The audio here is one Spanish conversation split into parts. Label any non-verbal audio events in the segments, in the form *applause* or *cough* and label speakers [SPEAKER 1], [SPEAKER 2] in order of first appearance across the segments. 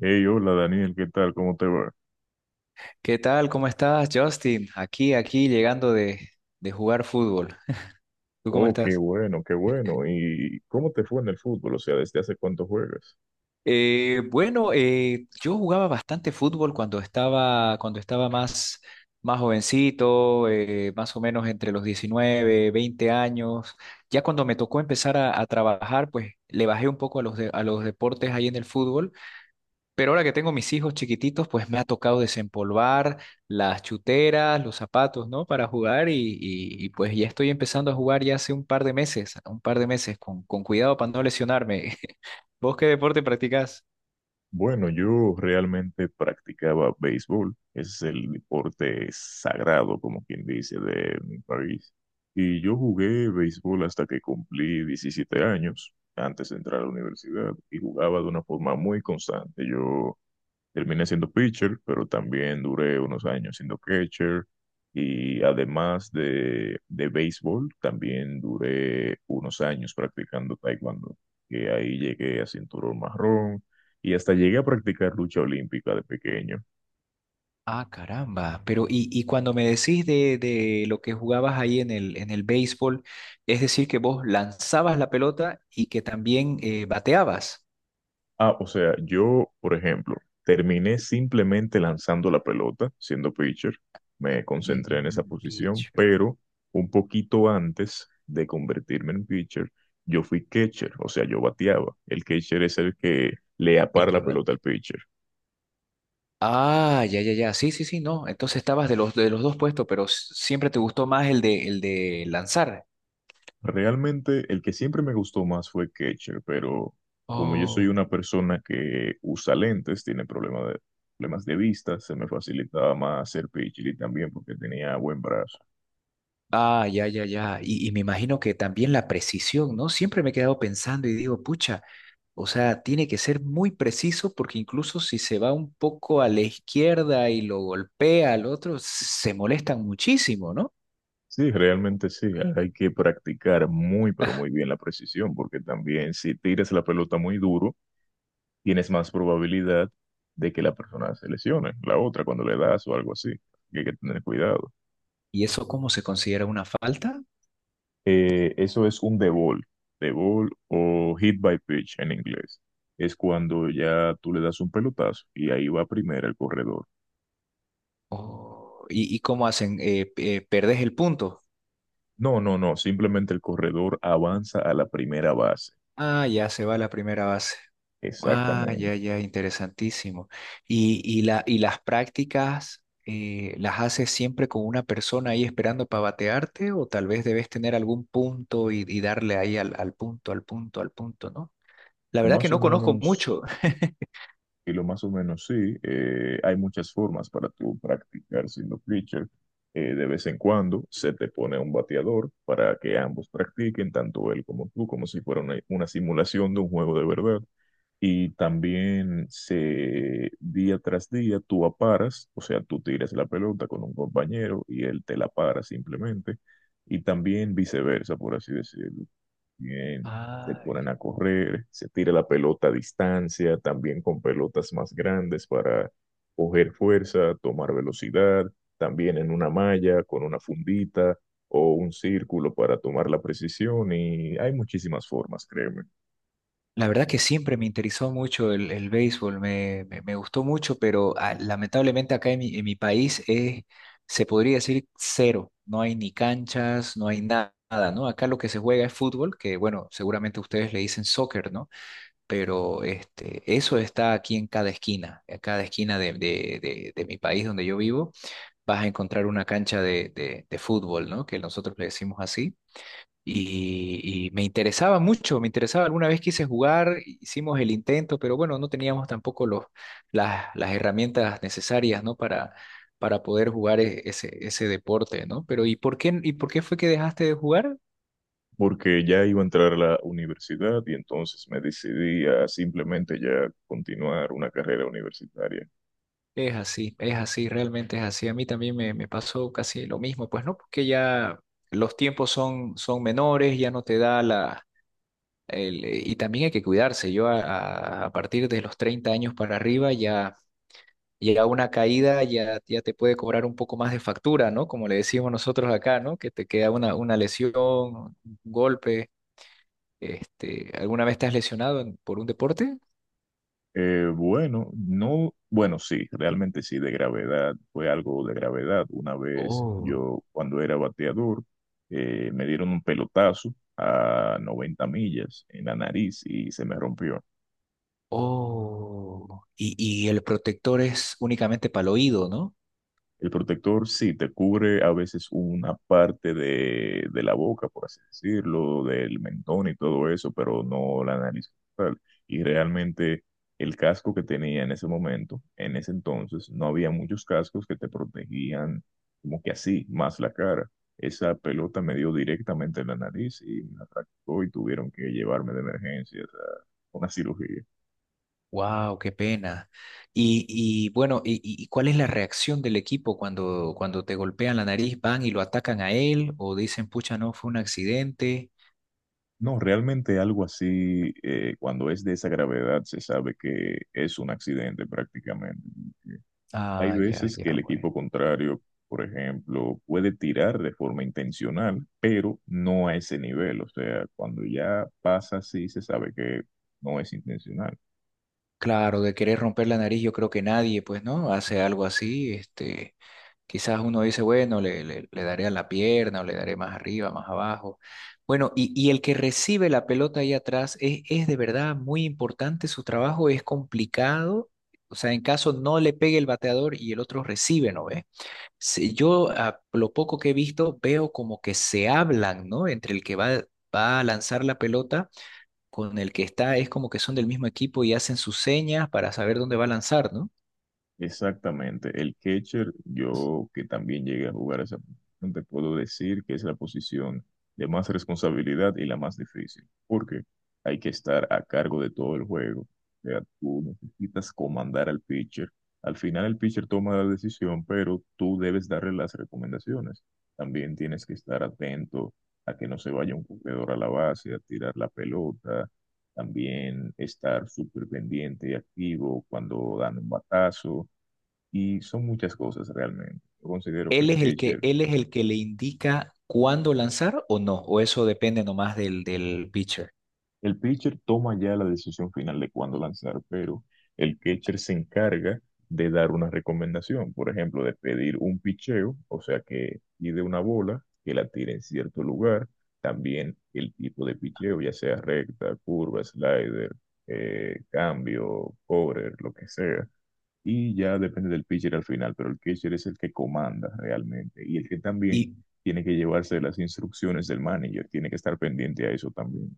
[SPEAKER 1] Hey, hola Daniel, ¿qué tal? ¿Cómo te va?
[SPEAKER 2] ¿Qué tal? ¿Cómo estás, Justin? Llegando de jugar fútbol. ¿Tú cómo
[SPEAKER 1] Oh, qué
[SPEAKER 2] estás?
[SPEAKER 1] bueno, qué bueno. ¿Y cómo te fue en el fútbol? O sea, ¿desde hace cuánto juegas?
[SPEAKER 2] Bueno, yo jugaba bastante fútbol cuando estaba más jovencito, más o menos entre los 19, 20 años. Ya cuando me tocó empezar a trabajar, pues le bajé un poco a a los deportes ahí en el fútbol. Pero ahora que tengo mis hijos chiquititos, pues me ha tocado desempolvar las chuteras, los zapatos, ¿no? Para jugar y, pues ya estoy empezando a jugar ya hace un par de meses, con cuidado para no lesionarme. *laughs* ¿Vos qué deporte practicás?
[SPEAKER 1] Bueno, yo realmente practicaba béisbol. Ese es el deporte sagrado, como quien dice, de mi país. Y yo jugué béisbol hasta que cumplí 17 años, antes de entrar a la universidad, y jugaba de una forma muy constante. Yo Terminé siendo pitcher, pero también duré unos años siendo catcher. Y además de béisbol, también duré unos años practicando taekwondo, que ahí llegué a cinturón marrón y hasta llegué a practicar lucha olímpica de pequeño.
[SPEAKER 2] Ah, caramba. Pero y cuando me decís de lo que jugabas ahí en en el béisbol, es decir, que vos lanzabas la pelota y que también bateabas.
[SPEAKER 1] Ah, o sea, yo, por ejemplo, terminé simplemente lanzando la pelota, siendo pitcher, me concentré en esa
[SPEAKER 2] Mm,
[SPEAKER 1] posición,
[SPEAKER 2] pitcher,
[SPEAKER 1] pero un poquito antes de convertirme en pitcher, yo fui catcher, o sea, yo bateaba. El catcher es el que le
[SPEAKER 2] el
[SPEAKER 1] apara
[SPEAKER 2] que
[SPEAKER 1] la pelota al
[SPEAKER 2] batea.
[SPEAKER 1] pitcher.
[SPEAKER 2] Ah, ya, ya, ya. Sí, sí, sí, no. Entonces estabas de de los dos puestos, pero siempre te gustó más el de lanzar.
[SPEAKER 1] Realmente, el que siempre me gustó más fue catcher, pero como yo soy
[SPEAKER 2] Oh.
[SPEAKER 1] una persona que usa lentes, tiene problemas de vista, se me facilitaba más ser pitcher y también porque tenía buen brazo.
[SPEAKER 2] Ah, ya, ya, ya. Y me imagino que también la precisión, ¿no? Siempre me he quedado pensando y digo, pucha, o sea, tiene que ser muy preciso porque incluso si se va un poco a la izquierda y lo golpea al otro, se molestan muchísimo, ¿no?
[SPEAKER 1] Sí, realmente sí. Hay que practicar muy, pero muy bien la precisión, porque también si tiras la pelota muy duro, tienes más probabilidad de que la persona se lesione, la otra cuando le das o algo así. Hay que tener cuidado.
[SPEAKER 2] ¿Y eso cómo se considera una falta?
[SPEAKER 1] Eso es un de ball o hit by pitch en inglés. Es cuando ya tú le das un pelotazo y ahí va primero el corredor.
[SPEAKER 2] Oh, ¿ y cómo hacen? ¿Perdés el punto?
[SPEAKER 1] No, no, no. Simplemente el corredor avanza a la primera base.
[SPEAKER 2] Ah, ya se va la primera base. Ah, ya,
[SPEAKER 1] Exactamente.
[SPEAKER 2] ya, interesantísimo. Y las prácticas las haces siempre con una persona ahí esperando para batearte o tal vez debes tener algún punto y darle ahí al al punto, ¿no? La verdad que
[SPEAKER 1] Más o
[SPEAKER 2] no conozco
[SPEAKER 1] menos.
[SPEAKER 2] mucho. *laughs*
[SPEAKER 1] Y lo más o menos sí, hay muchas formas para tú practicar siendo pitcher. De vez en cuando se te pone un bateador para que ambos practiquen, tanto él como tú, como si fuera una simulación de un juego de verdad. Y también día tras día tú aparas, o sea, tú tiras la pelota con un compañero y él te la para simplemente. Y también viceversa, por así decirlo. Bien, se
[SPEAKER 2] Ah,
[SPEAKER 1] ponen a correr, se tira la pelota a distancia, también con pelotas más grandes para coger fuerza, tomar velocidad, también en una malla, con una fundita o un círculo para tomar la precisión. Y hay muchísimas formas, créeme.
[SPEAKER 2] la verdad que siempre me interesó mucho el béisbol, me gustó mucho, pero lamentablemente acá en en mi país es, se podría decir cero, no hay ni canchas, no hay nada, ¿no? Acá lo que se juega es fútbol, que bueno, seguramente ustedes le dicen soccer, ¿no? Pero este, eso está aquí en cada esquina, de mi país donde yo vivo, vas a encontrar una cancha de fútbol, ¿no? Que nosotros le decimos así. Y me interesaba mucho, me interesaba. Alguna vez quise jugar, hicimos el intento, pero bueno, no teníamos tampoco las herramientas necesarias, ¿no? Para poder jugar ese deporte, ¿no? Pero y por qué fue que dejaste de jugar?
[SPEAKER 1] Porque ya iba a entrar a la universidad y entonces me decidí a simplemente ya continuar una carrera universitaria.
[SPEAKER 2] Es así, realmente es así. A mí también me pasó casi lo mismo, pues, ¿no? Porque ya los tiempos son, son menores, ya no te da la... y también hay que cuidarse. Yo a partir de los 30 años para arriba ya llega una caída, ya te puede cobrar un poco más de factura, ¿no? Como le decimos nosotros acá, ¿no? Que te queda una lesión, un golpe. Este, ¿alguna vez te has lesionado por un deporte?
[SPEAKER 1] Bueno, no, bueno, sí, realmente sí, de gravedad, fue algo de gravedad. Una vez
[SPEAKER 2] Oh,
[SPEAKER 1] yo, cuando era bateador, me dieron un pelotazo a 90 millas en la nariz y se me rompió.
[SPEAKER 2] oh. Y el protector es únicamente para el oído, ¿no?
[SPEAKER 1] El protector sí te cubre a veces una parte de la boca, por así decirlo, del mentón y todo eso, pero no la nariz como tal. Y realmente el casco que tenía en ese momento, en ese entonces, no había muchos cascos que te protegían como que así, más la cara. Esa pelota me dio directamente en la nariz y me atracó y tuvieron que llevarme de emergencia, o sea, una cirugía.
[SPEAKER 2] Wow, qué pena. Y cuál es la reacción del equipo cuando te golpean la nariz? ¿Van y lo atacan a él? ¿O dicen, pucha, no, fue un accidente?
[SPEAKER 1] No, realmente algo así, cuando es de esa gravedad, se sabe que es un accidente prácticamente. Hay
[SPEAKER 2] Ah, ya,
[SPEAKER 1] veces que
[SPEAKER 2] ya,
[SPEAKER 1] el
[SPEAKER 2] bueno.
[SPEAKER 1] equipo contrario, por ejemplo, puede tirar de forma intencional, pero no a ese nivel. O sea, cuando ya pasa así, se sabe que no es intencional.
[SPEAKER 2] Claro, de querer romper la nariz, yo creo que nadie, pues, ¿no? Hace algo así, este, quizás uno dice, bueno, le daré a la pierna o le daré más arriba, más abajo. Bueno, y el que recibe la pelota ahí atrás es de verdad muy importante, su trabajo es complicado, o sea, en caso no le pegue el bateador y el otro recibe, ¿no ve? Si yo, a lo poco que he visto, veo como que se hablan, ¿no? Entre el que va a lanzar la pelota con el que está, es como que son del mismo equipo y hacen sus señas para saber dónde va a lanzar, ¿no?
[SPEAKER 1] Exactamente. El catcher, yo que también llegué a jugar esa posición, te puedo decir que es la posición de más responsabilidad y la más difícil, porque hay que estar a cargo de todo el juego. O sea, tú necesitas comandar al pitcher. Al final el pitcher toma la decisión, pero tú debes darle las recomendaciones. También tienes que estar atento a que no se vaya un jugador a la base, a tirar la pelota. También estar súper pendiente y activo cuando dan un batazo y son muchas cosas realmente. Yo considero que el catcher,
[SPEAKER 2] Él es el que le indica cuándo lanzar o no, o eso depende nomás del pitcher.
[SPEAKER 1] el pitcher toma ya la decisión final de cuándo lanzar, pero el catcher se encarga de dar una recomendación, por ejemplo, de pedir un picheo, o sea, que pide una bola, que la tire en cierto lugar, también el tipo de picheo, ya sea recta, curva, slider, cambio, cover, lo que sea. Y ya depende del pitcher al final, pero el pitcher es el que comanda realmente y el que también
[SPEAKER 2] Y
[SPEAKER 1] tiene que llevarse las instrucciones del manager, tiene que estar pendiente a eso también.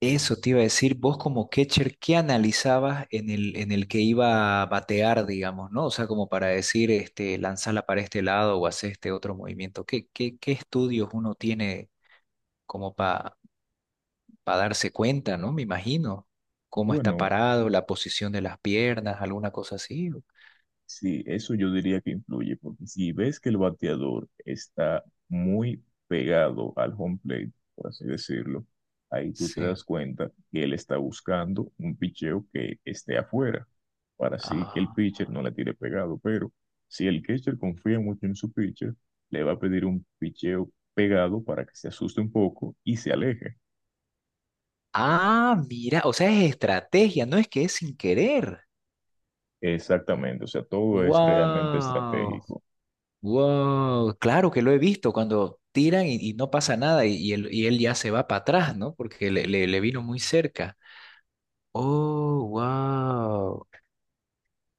[SPEAKER 2] eso te iba a decir, vos como catcher, ¿qué analizabas en en el que iba a batear, digamos, ¿no? O sea, como para decir, este, lanzala para este lado o hace este otro movimiento. ¿Qué estudios uno tiene como para darse cuenta, ¿no? Me imagino cómo está
[SPEAKER 1] Bueno,
[SPEAKER 2] parado, la posición de las piernas, alguna cosa así.
[SPEAKER 1] sí, eso yo diría que influye, porque si ves que el bateador está muy pegado al home plate, por así decirlo, ahí tú te
[SPEAKER 2] Sí.
[SPEAKER 1] das cuenta que él está buscando un picheo que esté afuera, para así que el
[SPEAKER 2] Ah,
[SPEAKER 1] pitcher no le tire pegado. Pero si el catcher confía mucho en su pitcher, le va a pedir un picheo pegado para que se asuste un poco y se aleje.
[SPEAKER 2] ah, mira, o sea, es estrategia, no es que es sin querer.
[SPEAKER 1] Exactamente, o sea, todo es realmente
[SPEAKER 2] Wow,
[SPEAKER 1] estratégico.
[SPEAKER 2] wow, claro que lo he visto cuando tiran y no pasa nada y él ya se va para atrás, ¿no? Porque le vino muy cerca. Oh, wow,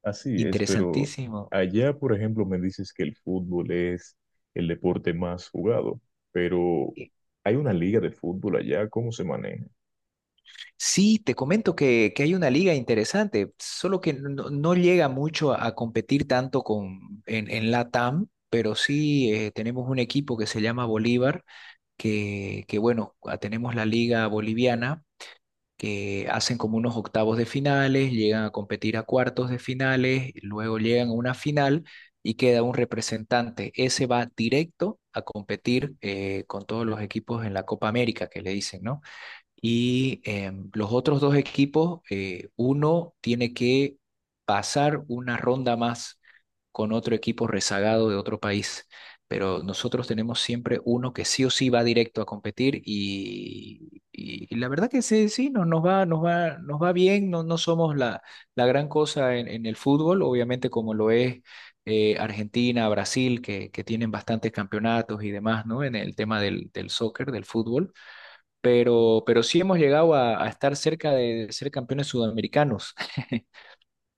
[SPEAKER 1] Así es, pero
[SPEAKER 2] interesantísimo.
[SPEAKER 1] allá, por ejemplo, me dices que el fútbol es el deporte más jugado, pero hay una liga de fútbol allá, ¿cómo se maneja?
[SPEAKER 2] Sí, te comento que hay una liga interesante, solo que no llega mucho a competir tanto en LATAM, pero sí tenemos un equipo que se llama Bolívar, que bueno, tenemos la liga boliviana, que hacen como unos octavos de finales, llegan a competir a cuartos de finales, luego llegan a una final y queda un representante. Ese va directo a competir con todos los equipos en la Copa América, que le dicen, ¿no? Y em, los otros dos equipos, uno tiene que pasar una ronda más con otro equipo rezagado de otro país, pero nosotros tenemos siempre uno que sí o sí va directo a competir y la verdad que sí, sí, no, nos va, nos va bien, no, no somos la gran cosa en el fútbol, obviamente como lo es Argentina, Brasil, que tienen bastantes campeonatos y demás, ¿no? En el tema del soccer, del fútbol. Pero sí hemos llegado a estar cerca de ser campeones sudamericanos. *laughs*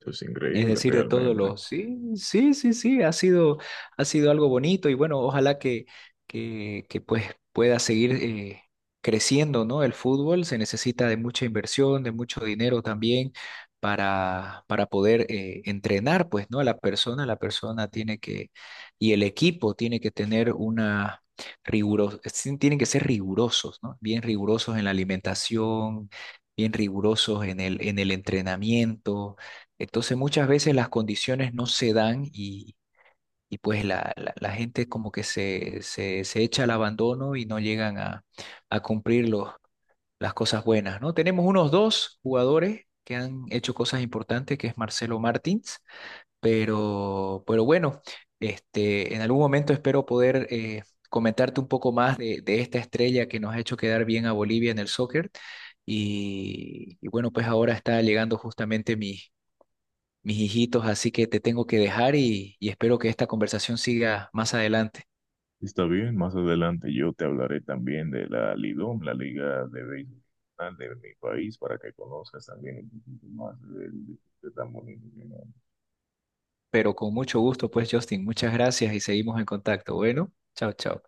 [SPEAKER 1] Eso es
[SPEAKER 2] Es
[SPEAKER 1] increíble
[SPEAKER 2] decir, de todos
[SPEAKER 1] realmente.
[SPEAKER 2] los, sí, sí, sí, sí, ha sido algo bonito y bueno, ojalá que pues pueda seguir creciendo, ¿no? El fútbol se necesita de mucha inversión, de mucho dinero también para poder entrenar, pues, ¿no? A la persona tiene que, y el equipo tiene que tener una rigurosa, tienen que ser rigurosos, ¿no? Bien rigurosos en la alimentación, bien rigurosos en en el entrenamiento. Entonces muchas veces las condiciones no se dan y pues la gente como que se echa al abandono y no llegan a cumplir las cosas buenas, ¿no? Tenemos unos dos jugadores que han hecho cosas importantes, que es Marcelo Martins, pero bueno, este, en algún momento espero poder comentarte un poco más de esta estrella que nos ha hecho quedar bien a Bolivia en el soccer. Y bueno, pues ahora está llegando justamente mi mis hijitos, así que te tengo que dejar y espero que esta conversación siga más adelante.
[SPEAKER 1] Está bien, más adelante yo te hablaré también de la Lidom, la liga de béisbol de mi país, para que conozcas también un poquito más del deporte tan bonito que nos
[SPEAKER 2] Pero con mucho gusto, pues, Justin, muchas gracias y seguimos en contacto. Bueno, chao, chao.